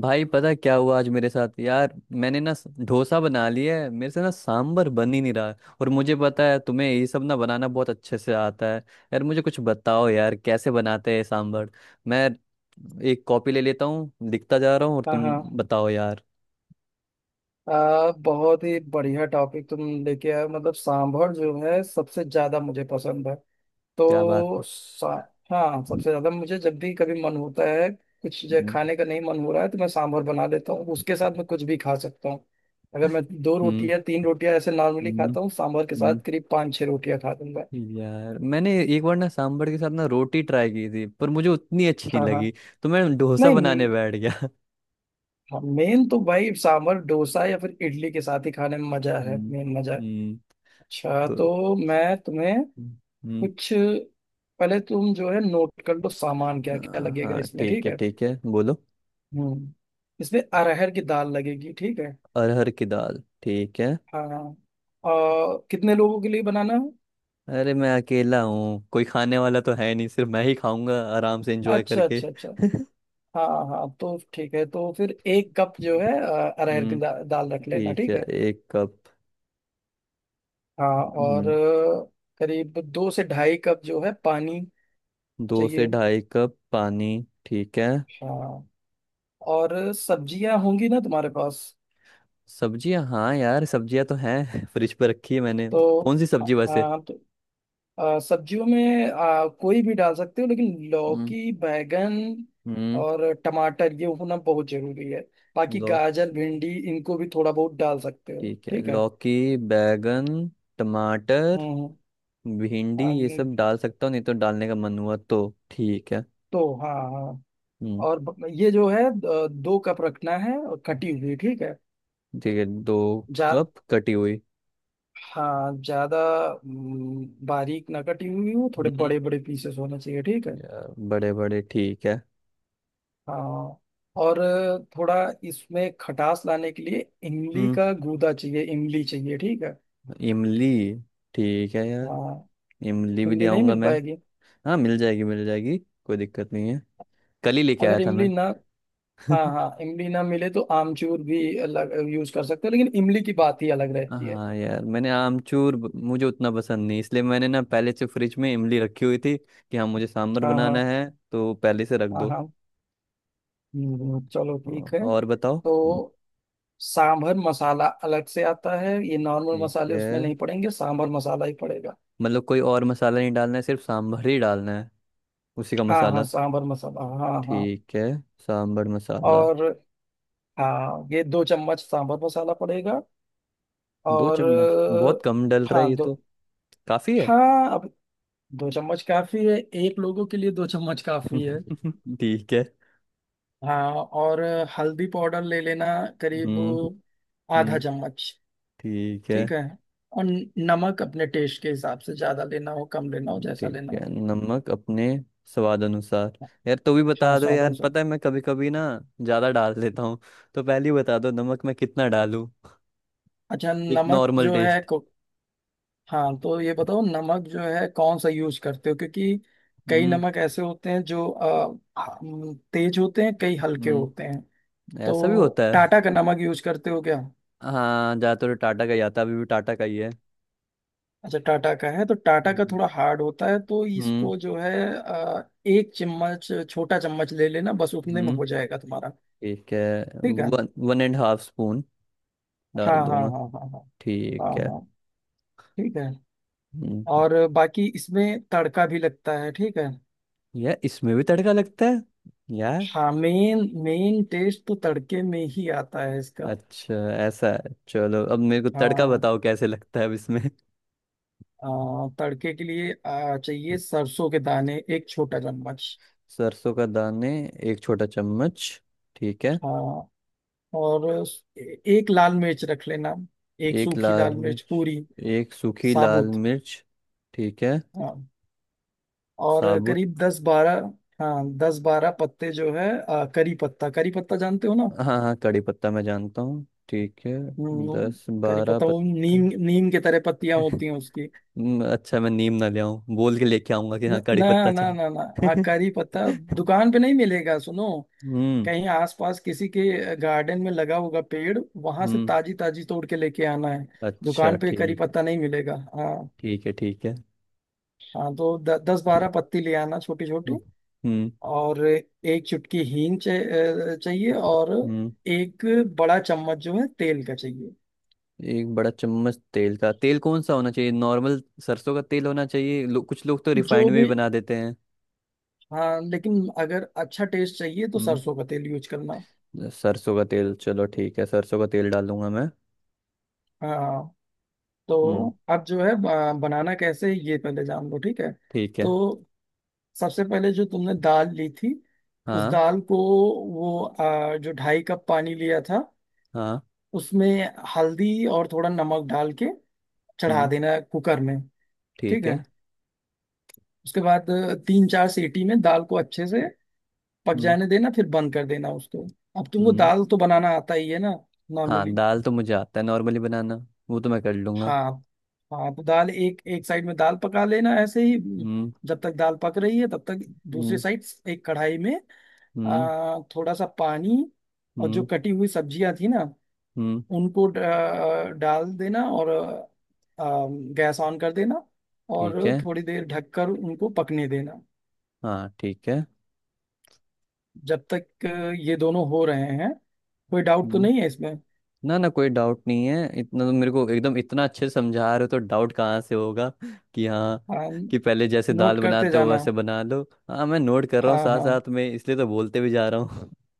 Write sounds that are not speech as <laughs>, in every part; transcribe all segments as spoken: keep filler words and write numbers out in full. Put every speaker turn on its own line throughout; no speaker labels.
भाई पता क्या हुआ आज मेरे साथ यार। मैंने ना स- डोसा बना लिया है, मेरे से ना सांबर बन ही नहीं रहा है। और मुझे पता है तुम्हें ये सब ना बनाना बहुत अच्छे से आता है। यार मुझे कुछ बताओ यार, कैसे बनाते हैं सांबर। मैं एक कॉपी ले लेता हूँ, लिखता जा रहा हूँ, और
हाँ
तुम
हाँ,
बताओ यार।
आ, बहुत ही बढ़िया टॉपिक तुम लेके आए हो। मतलब, सांभर जो है सबसे ज्यादा मुझे पसंद है।
क्या बात
तो
है।
सा, हाँ, सबसे ज्यादा मुझे जब भी कभी मन होता है, कुछ जो
हम्म।
खाने का नहीं मन हो रहा है, तो मैं सांभर बना लेता हूँ। उसके साथ मैं कुछ भी खा सकता हूँ। अगर मैं दो
हम्म।
रोटियां तीन रोटियां ऐसे नॉर्मली
हम्म,
खाता हूँ, सांभर के साथ
हम्म,
करीब पाँच छह रोटियां खा दूंगा।
हम्म, यार मैंने एक बार ना सांबर के साथ ना रोटी ट्राई की थी, पर मुझे उतनी अच्छी नहीं
हाँ हाँ।
लगी, तो मैं डोसा बनाने
नहीं।
बैठ गया। <laughs>
हाँ, मेन तो भाई सांभर डोसा या फिर इडली के साथ ही खाने में मजा है,
हम्म।
मेन मजा है।
हम्म,
अच्छा,
तो
तो मैं तुम्हें
हम्म।
कुछ, पहले तुम जो है नोट कर लो, सामान क्या क्या
हाँ
लगेगा
हाँ,
इसमें।
ठीक
ठीक
है
है?
ठीक है, बोलो।
हम्म। इसमें अरहर की दाल लगेगी। ठीक है?
अरहर की दाल, ठीक है।
हाँ, और कितने लोगों के लिए बनाना है?
अरे मैं अकेला हूँ, कोई खाने वाला तो है नहीं, सिर्फ मैं ही खाऊंगा आराम से एंजॉय
अच्छा
करके।
अच्छा अच्छा।
<laughs>
हाँ हाँ, तो ठीक है, तो फिर एक कप जो है अ, अरहर की दा,
हम्म।
दाल रख लेना।
ठीक है,
ठीक है?
एक कप।
हाँ, और
हम्म।
अ, करीब दो से ढाई कप जो है पानी
दो से
चाहिए।
ढाई कप पानी, ठीक है।
हाँ, और सब्जियां होंगी ना तुम्हारे पास?
सब्जियां, हाँ यार सब्जियां तो हैं <laughs> फ्रिज पर रखी है मैंने।
तो
कौन सी
हाँ
सब्जी वैसे।
हाँ, तो आ, सब्जियों में आ, कोई भी डाल सकते हो, लेकिन
हम्म।
लौकी, बैगन
हम्म।
और टमाटर ये होना बहुत जरूरी है। बाकी
लौ
गाजर, भिंडी इनको भी थोड़ा बहुत डाल सकते हो।
ठीक है,
ठीक है?
लौकी, बैगन, टमाटर,
हम्म।
भिंडी,
हाँ,
ये सब
ये-
डाल सकता हूँ। नहीं तो डालने का मन हुआ तो ठीक है।
तो हाँ हाँ,
हम्म।
और ब- ये जो है द- दो कप रखना है, और कटी हुई। ठीक है?
ठीक है, दो
जा
कप कटी हुई।
हाँ, ज्यादा, हम्म, बारीक ना कटी हुई हो, थोड़े
हम्म,
बड़े बड़े पीसेस होने चाहिए। ठीक है?
यार बड़े बड़े, ठीक है।
हाँ, और थोड़ा इसमें खटास लाने के लिए इमली
हम्म।
का गूदा चाहिए, इमली चाहिए। ठीक है?
इमली, ठीक है यार।
हाँ।
इमली भी ले
इमली नहीं
आऊंगा
मिल
मैं।
पाएगी?
हाँ, मिल जाएगी मिल जाएगी, कोई दिक्कत नहीं है, कल ही लेके आया
अगर
था
इमली
मैं।
ना, हाँ
<laughs>
हाँ, इमली ना मिले तो आमचूर भी अलग यूज कर सकते हो, लेकिन इमली की बात ही अलग रहती है।
हाँ यार, मैंने आमचूर ब- मुझे उतना पसंद नहीं, इसलिए मैंने ना पहले से फ्रिज में इमली रखी हुई थी कि हाँ, मुझे सांभर
हाँ हाँ।
बनाना है, तो पहले से रख
हाँ
दो।
हाँ। हम्म, चलो
औ-
ठीक है।
और बताओ।
तो सांभर मसाला अलग से आता है, ये नॉर्मल
ठीक
मसाले
है।
उसमें नहीं पड़ेंगे, सांभर मसाला ही पड़ेगा।
मतलब कोई और मसाला नहीं डालना है, सिर्फ सांभर ही डालना है, उसी का
हाँ हाँ,
मसाला।
सांभर मसाला, हाँ हाँ।
ठीक है, सांभर मसाला।
और हाँ, ये दो चम्मच सांभर मसाला पड़ेगा।
दो
और
चम्मच बहुत कम डल
अ,
रहा है
हाँ,
ये
दो।
तो, काफी है।
हाँ, अब दो चम्मच काफी है। एक लोगों के लिए दो चम्मच काफी है।
<laughs> ठीक है।
हाँ, और अ, हल्दी पाउडर ले लेना, करीब
हम्म।
आधा
हम्म।
चम्मच।
ठीक है।
ठीक है? और न- नमक अपने टेस्ट के हिसाब से, ज्यादा लेना हो, कम लेना हो, जैसा
ठीक
लेना हो।
है, नमक अपने स्वाद अनुसार। यार तो भी
हाँ,
बता दो
स्वाद
यार,
अनुसार।
पता है मैं कभी कभी ना ज्यादा डाल देता हूँ, तो पहले ही बता दो नमक मैं कितना डालूं।
अच्छा,
एक
नमक
नॉर्मल
जो है,
टेस्ट।
हाँ, तो ये बताओ नमक जो है कौन सा यूज करते हो? क्योंकि कई
हम्म।
नमक ऐसे होते हैं जो अ, हम, तेज होते हैं, कई हल्के होते
हम्म।
हैं।
ऐसा भी
तो
होता
टाटा
है।
का नमक यूज करते हो क्या?
हाँ, ज्यादातर तो टाटा का ही आता है, अभी भी टाटा का ही
अच्छा, टाटा का है, तो टाटा का
है।
थोड़ा हार्ड होता है, तो
हम्म।
इसको जो है अ, एक चम्मच, छोटा चम्मच ले लेना, बस उतने में
हम्म।
हो जाएगा तुम्हारा।
ठीक है।
ठीक है?
One one and half spoon
हाँ
डाल
हाँ
दूंगा।
हाँ हाँ हाँ।
ठीक
हाँ
है।
हाँ। ठीक है।
हम्म।
और बाकी इसमें तड़का भी लगता है। ठीक है?
यार, इसमें भी तड़का लगता है यार।
हाँ, मेन मेन टेस्ट तो तड़के में ही आता है इसका।
अच्छा। ऐसा है, चलो अब मेरे को तड़का
हाँ,
बताओ, कैसे लगता है अब इसमें। <laughs>
आ, तड़के के लिए आ, चाहिए सरसों के दाने एक छोटा चम्मच।
सरसों का दाने, एक छोटा चम्मच, ठीक है।
हाँ, और उस- ए- एक लाल मिर्च रख लेना, एक
एक
सूखी
लाल
लाल मिर्च
मिर्च,
पूरी
एक सूखी लाल
साबुत।
मिर्च। ठीक है।
हाँ, और
साबुत।
करीब दस बारह, हाँ दस बारह पत्ते जो है आ, करी पत्ता, करी पत्ता जानते हो ना?
हाँ हाँ, कड़ी पत्ता मैं जानता हूँ, ठीक है। दस
हम्म, करी
बारह
पत्ता, वो
पत्ते।
नीम, नीम के तरह पत्तियां होती हैं उसकी।
<laughs> हम्म, अच्छा, मैं नीम ना ले आऊं, बोल के लेके आऊंगा कि
न-
हाँ कड़ी
ना
पत्ता
ना ना ना, हाँ
चाहिए।
करी
<laughs>
पत्ता दुकान पे नहीं मिलेगा, सुनो,
हम्म।
कहीं आसपास किसी के गार्डन में लगा होगा पेड़, वहां से
हम्म।
ताजी ताजी तोड़ के लेके आना है।
अच्छा
दुकान पे करी
ठीक है।
पत्ता नहीं मिलेगा। हाँ,
ठीक है ठीक है।
हाँ तो द, दस बारह पत्ती ले आना, छोटी छोटी।
हम्म। हम्म।
और एक चुटकी हींग चे- अ, चाहिए, और
हम्म,
एक बड़ा चम्मच जो है तेल का चाहिए।
एक बड़ा चम्मच तेल का। तेल कौन सा होना चाहिए, नॉर्मल सरसों का तेल होना चाहिए लो, कुछ लोग तो
जो
रिफाइंड में भी
भी,
बना देते हैं।
हाँ, लेकिन अगर अच्छा टेस्ट चाहिए तो
हम्म।
सरसों का तेल यूज करना।
सरसों का तेल, चलो ठीक है, सरसों का तेल डालूंगा मैं।
हाँ, तो
हम्म।
अब जो है आ, बनाना कैसे है, ये पहले जान लो। ठीक है?
ठीक है।
तो सबसे पहले जो तुमने दाल ली थी, उस
हाँ।
दाल को, वो आ, जो ढाई कप पानी लिया था,
हाँ।
उसमें हल्दी और थोड़ा नमक डाल के चढ़ा
हम्म।
देना है कुकर में। ठीक
ठीक
है?
है।
उसके बाद अ, तीन चार सीटी में दाल को अच्छे से पक
हम्म।
जाने देना, फिर बंद कर देना उसको। अब तुमको
हम्म।
दाल तो बनाना आता ही है ना,
हाँ,
नॉर्मली?
दाल तो मुझे आता है नॉर्मली बनाना, वो तो मैं कर लूंगा।
हाँ हाँ, तो दाल एक, एक साइड में दाल पका लेना ऐसे ही। उम,
हम्म।
जब तक दाल पक रही है, तब तक दूसरी
हम्म।
साइड एक कढ़ाई में
हम्म।
आ, थोड़ा सा पानी और जो
हम्म।
कटी हुई सब्जियां थी ना,
हम्म,
उनको ड- आ, डाल देना, और आ, गैस ऑन कर देना,
ठीक
और
है।
थोड़ी देर ढककर उनको पकने देना।
हाँ ठीक है।
जब तक आ, ये दोनों हो रहे हैं, कोई डाउट तो
हम्म।
नहीं है इसमें?
ना ना, कोई डाउट नहीं है, इतना तो मेरे को एकदम इतना अच्छे से समझा रहे हो, तो डाउट कहाँ से होगा। <laughs> कि हाँ,
हाँ,
कि पहले जैसे
नोट
दाल
करते
बनाते हो
जाना।
वैसे बना लो। हाँ, मैं नोट कर रहा हूँ
हाँ
साथ
हाँ
साथ में, इसलिए तो बोलते भी जा रहा हूँ। <laughs>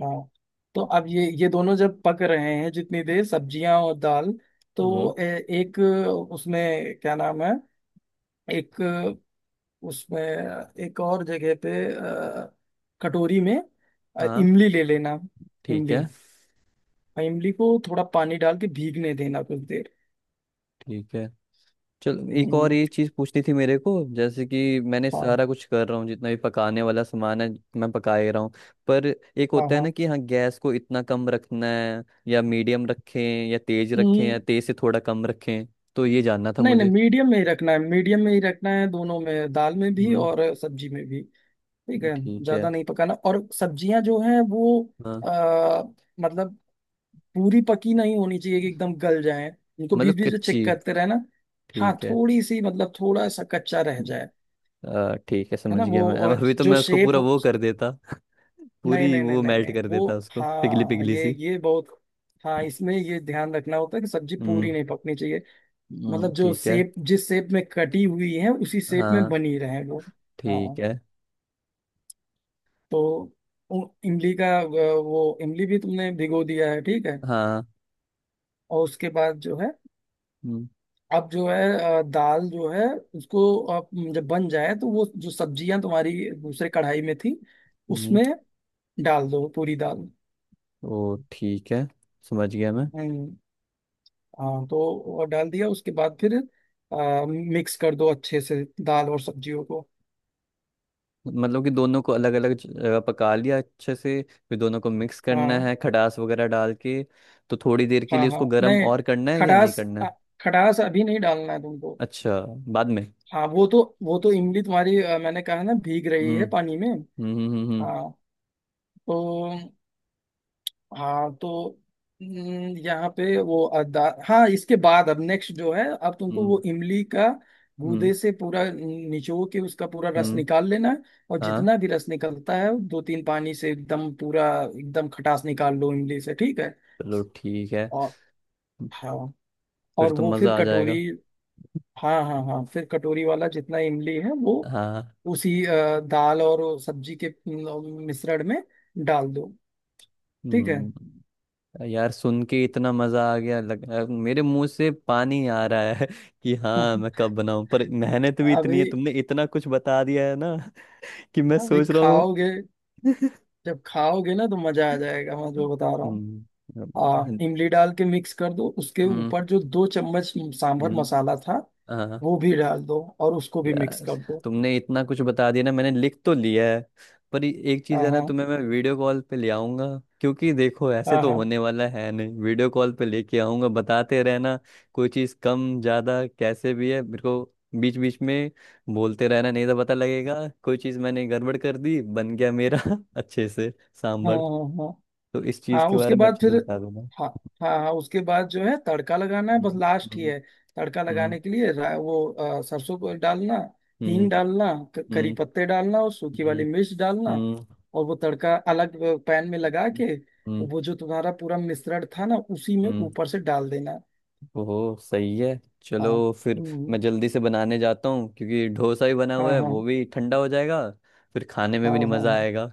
हाँ। तो अब ये ये दोनों जब पक रहे हैं, जितनी देर सब्जियां और दाल,
हम्म।
तो ए, एक, उसमें क्या नाम है, एक उसमें, एक और जगह पे अ, कटोरी में अ,
हाँ
इमली ले लेना,
ठीक
इमली,
है
और इमली को थोड़ा पानी डाल के भीगने देना कुछ देर।
ठीक है। चलो, एक और
हम्म।
ये चीज़ पूछनी थी मेरे को, जैसे कि मैंने
हाँ
सारा कुछ कर रहा हूँ, जितना भी पकाने वाला सामान है, मैं पका ही रहा हूँ, पर एक
हाँ
होता है
हाँ,
ना कि हाँ, गैस को इतना कम रखना है या मीडियम रखें, या तेज रखें,
हम्म।
या तेज से थोड़ा कम रखें, तो ये जानना था
नहीं नहीं,
मुझे।
मीडियम में ही रखना है, मीडियम में ही रखना है, दोनों में, दाल में भी
हम्म।
और सब्जी में भी। ठीक है?
ठीक है।
ज्यादा नहीं पकाना, और सब्जियां जो हैं वो
हाँ।
आ, मतलब पूरी पकी नहीं होनी चाहिए कि एकदम गल जाए, उनको
मतलब
बीच बीच में
कच्ची,
चेक करते रहना। हाँ,
ठीक है।
थोड़ी सी, मतलब थोड़ा सा कच्चा रह जाए,
आ, ठीक है,
है
समझ
ना वो,
गया मैं,
और
अभी तो
जो
मैं उसको
शेप
पूरा
हो।
वो कर देता। <laughs>
नहीं
पूरी
नहीं नहीं
वो
नहीं
मेल्ट
नहीं,
कर
वो,
देता उसको, पिघली
हाँ,
पिघली
ये
सी।
ये बहुत, हाँ इसमें ये ध्यान रखना होता है कि सब्जी पूरी
हम्म।
नहीं पकनी चाहिए,
हम्म,
मतलब जो
ठीक है।
शेप, जिस शेप में कटी हुई है उसी शेप में
हाँ
बनी रहे वो।
ठीक
हाँ,
है।
तो उ- इमली का अ, वो, इमली भी तुमने भिगो दिया है। ठीक है?
हाँ।
और उसके बाद जो है,
हम्म,
अब जो है अ, दाल जो है उसको, आप जब बन जाए तो वो जो सब्जियां तुम्हारी दूसरे कढ़ाई में थी,
हम्म,
उसमें डाल दो पूरी दाल।
ओ ठीक है, समझ गया मैं।
हम्म। हाँ, तो वो डाल दिया, उसके बाद फिर आ, मिक्स कर दो अच्छे से दाल और सब्जियों को।
मतलब कि दोनों को अलग अलग जगह पका लिया अच्छे से, फिर दोनों को मिक्स करना
हाँ
है खटास वगैरह डाल के, तो थोड़ी देर के
हाँ
लिए
हाँ,
उसको गर्म
नहीं,
और करना है या नहीं
खटास
करना
अ,
है।
खटास अभी नहीं डालना है तुमको।
अच्छा, बाद में।
हाँ, वो तो वो तो इमली तुम्हारी, अ, मैंने कहा ना, भीग रही
हम्म।
है पानी में।
हम्म हम्म हम्म।
हाँ तो, हाँ तो, हम्म, यहाँ पे वो अदा, हाँ इसके बाद, अब नेक्स्ट जो है, अब तुमको
हम्म
वो इमली का
हम्म हम्म,
गूदे से पूरा निचो के उसका पूरा रस
हम्म,
निकाल लेना है, और
हाँ।
जितना भी रस निकलता है, दो तीन पानी से एकदम पूरा, एकदम खटास निकाल लो इमली से। ठीक है?
चलो ठीक है,
और हाँ,
फिर
और
तो
वो फिर
मज़ा आ
कटोरी,
जाएगा।
हाँ हाँ हाँ, फिर कटोरी वाला जितना इमली है वो
हाँ।
उसी अ, दाल और सब्जी के अ, मिश्रण में डाल दो। ठीक है?
हम्म। यार सुन के इतना मजा आ गया, लग अ, मेरे मुंह से पानी आ रहा है <laughs> कि हाँ मैं
<laughs>
कब बनाऊं, पर मेहनत भी इतनी है,
अभी
तुमने इतना कुछ बता दिया है ना। <laughs> कि मैं
अभी
सोच रहा हूँ।
खाओगे,
<laughs>
जब खाओगे ना तो मजा आ जाएगा मैं जो बता रहा हूँ।
हम्म,
हाँ,
हम्म,
इमली डाल के मिक्स कर दो, उसके
हम्म,
ऊपर जो दो चम्मच सांभर
हम्म,
मसाला था
हाँ।
वो भी डाल दो और उसको भी मिक्स
यार
कर दो।
तुमने इतना कुछ बता दिया ना, मैंने लिख तो लिया है, पर ये- एक चीज
हाँ
है ना,
हाँ
तुम्हें मैं वीडियो कॉल पे ले आऊंगा, क्योंकि देखो ऐसे
हाँ
तो
हाँ
होने वाला है नहीं, वीडियो कॉल पे लेके आऊंगा, बताते रहना कोई चीज कम ज्यादा कैसे भी है, मेरे को बीच बीच में बोलते रहना, नहीं तो पता लगेगा कोई चीज मैंने गड़बड़ कर दी। बन गया मेरा <laughs> अच्छे से
हाँ
सांभर,
हाँ हाँ,
तो इस चीज
हाँ,
के
उसके
बारे में
बाद
अच्छे
फिर,
से बता दूंगा।
हाँ हाँ हाँ, उसके बाद जो है तड़का लगाना है, बस
हम्म।
लास्ट ही
हम्म।
है। तड़का लगाने के लिए रा- वो, अ, सरसों को डालना,
हम्म
हींग डालना, क- करी
हम्म
पत्ते डालना और सूखी
हम्म
वाली मिर्च डालना,
हम्म हम्म,
और वो तड़का अलग पैन में लगा के,
हम्म,
वो जो तुम्हारा पूरा मिश्रण था ना, उसी में
हम्म,
ऊपर से डाल देना।
ओह सही है, चलो
हाँ,
फिर।
हम्म,
मैं जल्दी से बनाने जाता हूँ, क्योंकि डोसा ही बना हुआ
हाँ
है,
हाँ
वो भी ठंडा हो जाएगा, फिर खाने में
हाँ
भी नहीं मज़ा
हाँ
आएगा।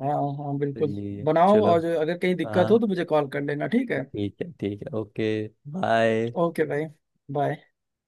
हाँ हाँ हाँ
तो
बिल्कुल।
ये है।
बनाओ,
चलो।
और अगर कहीं दिक्कत हो
हाँ
तो मुझे कॉल कर लेना। ठीक है?
ठीक है ठीक है, ओके, बाय।
ओके भाई, बाय।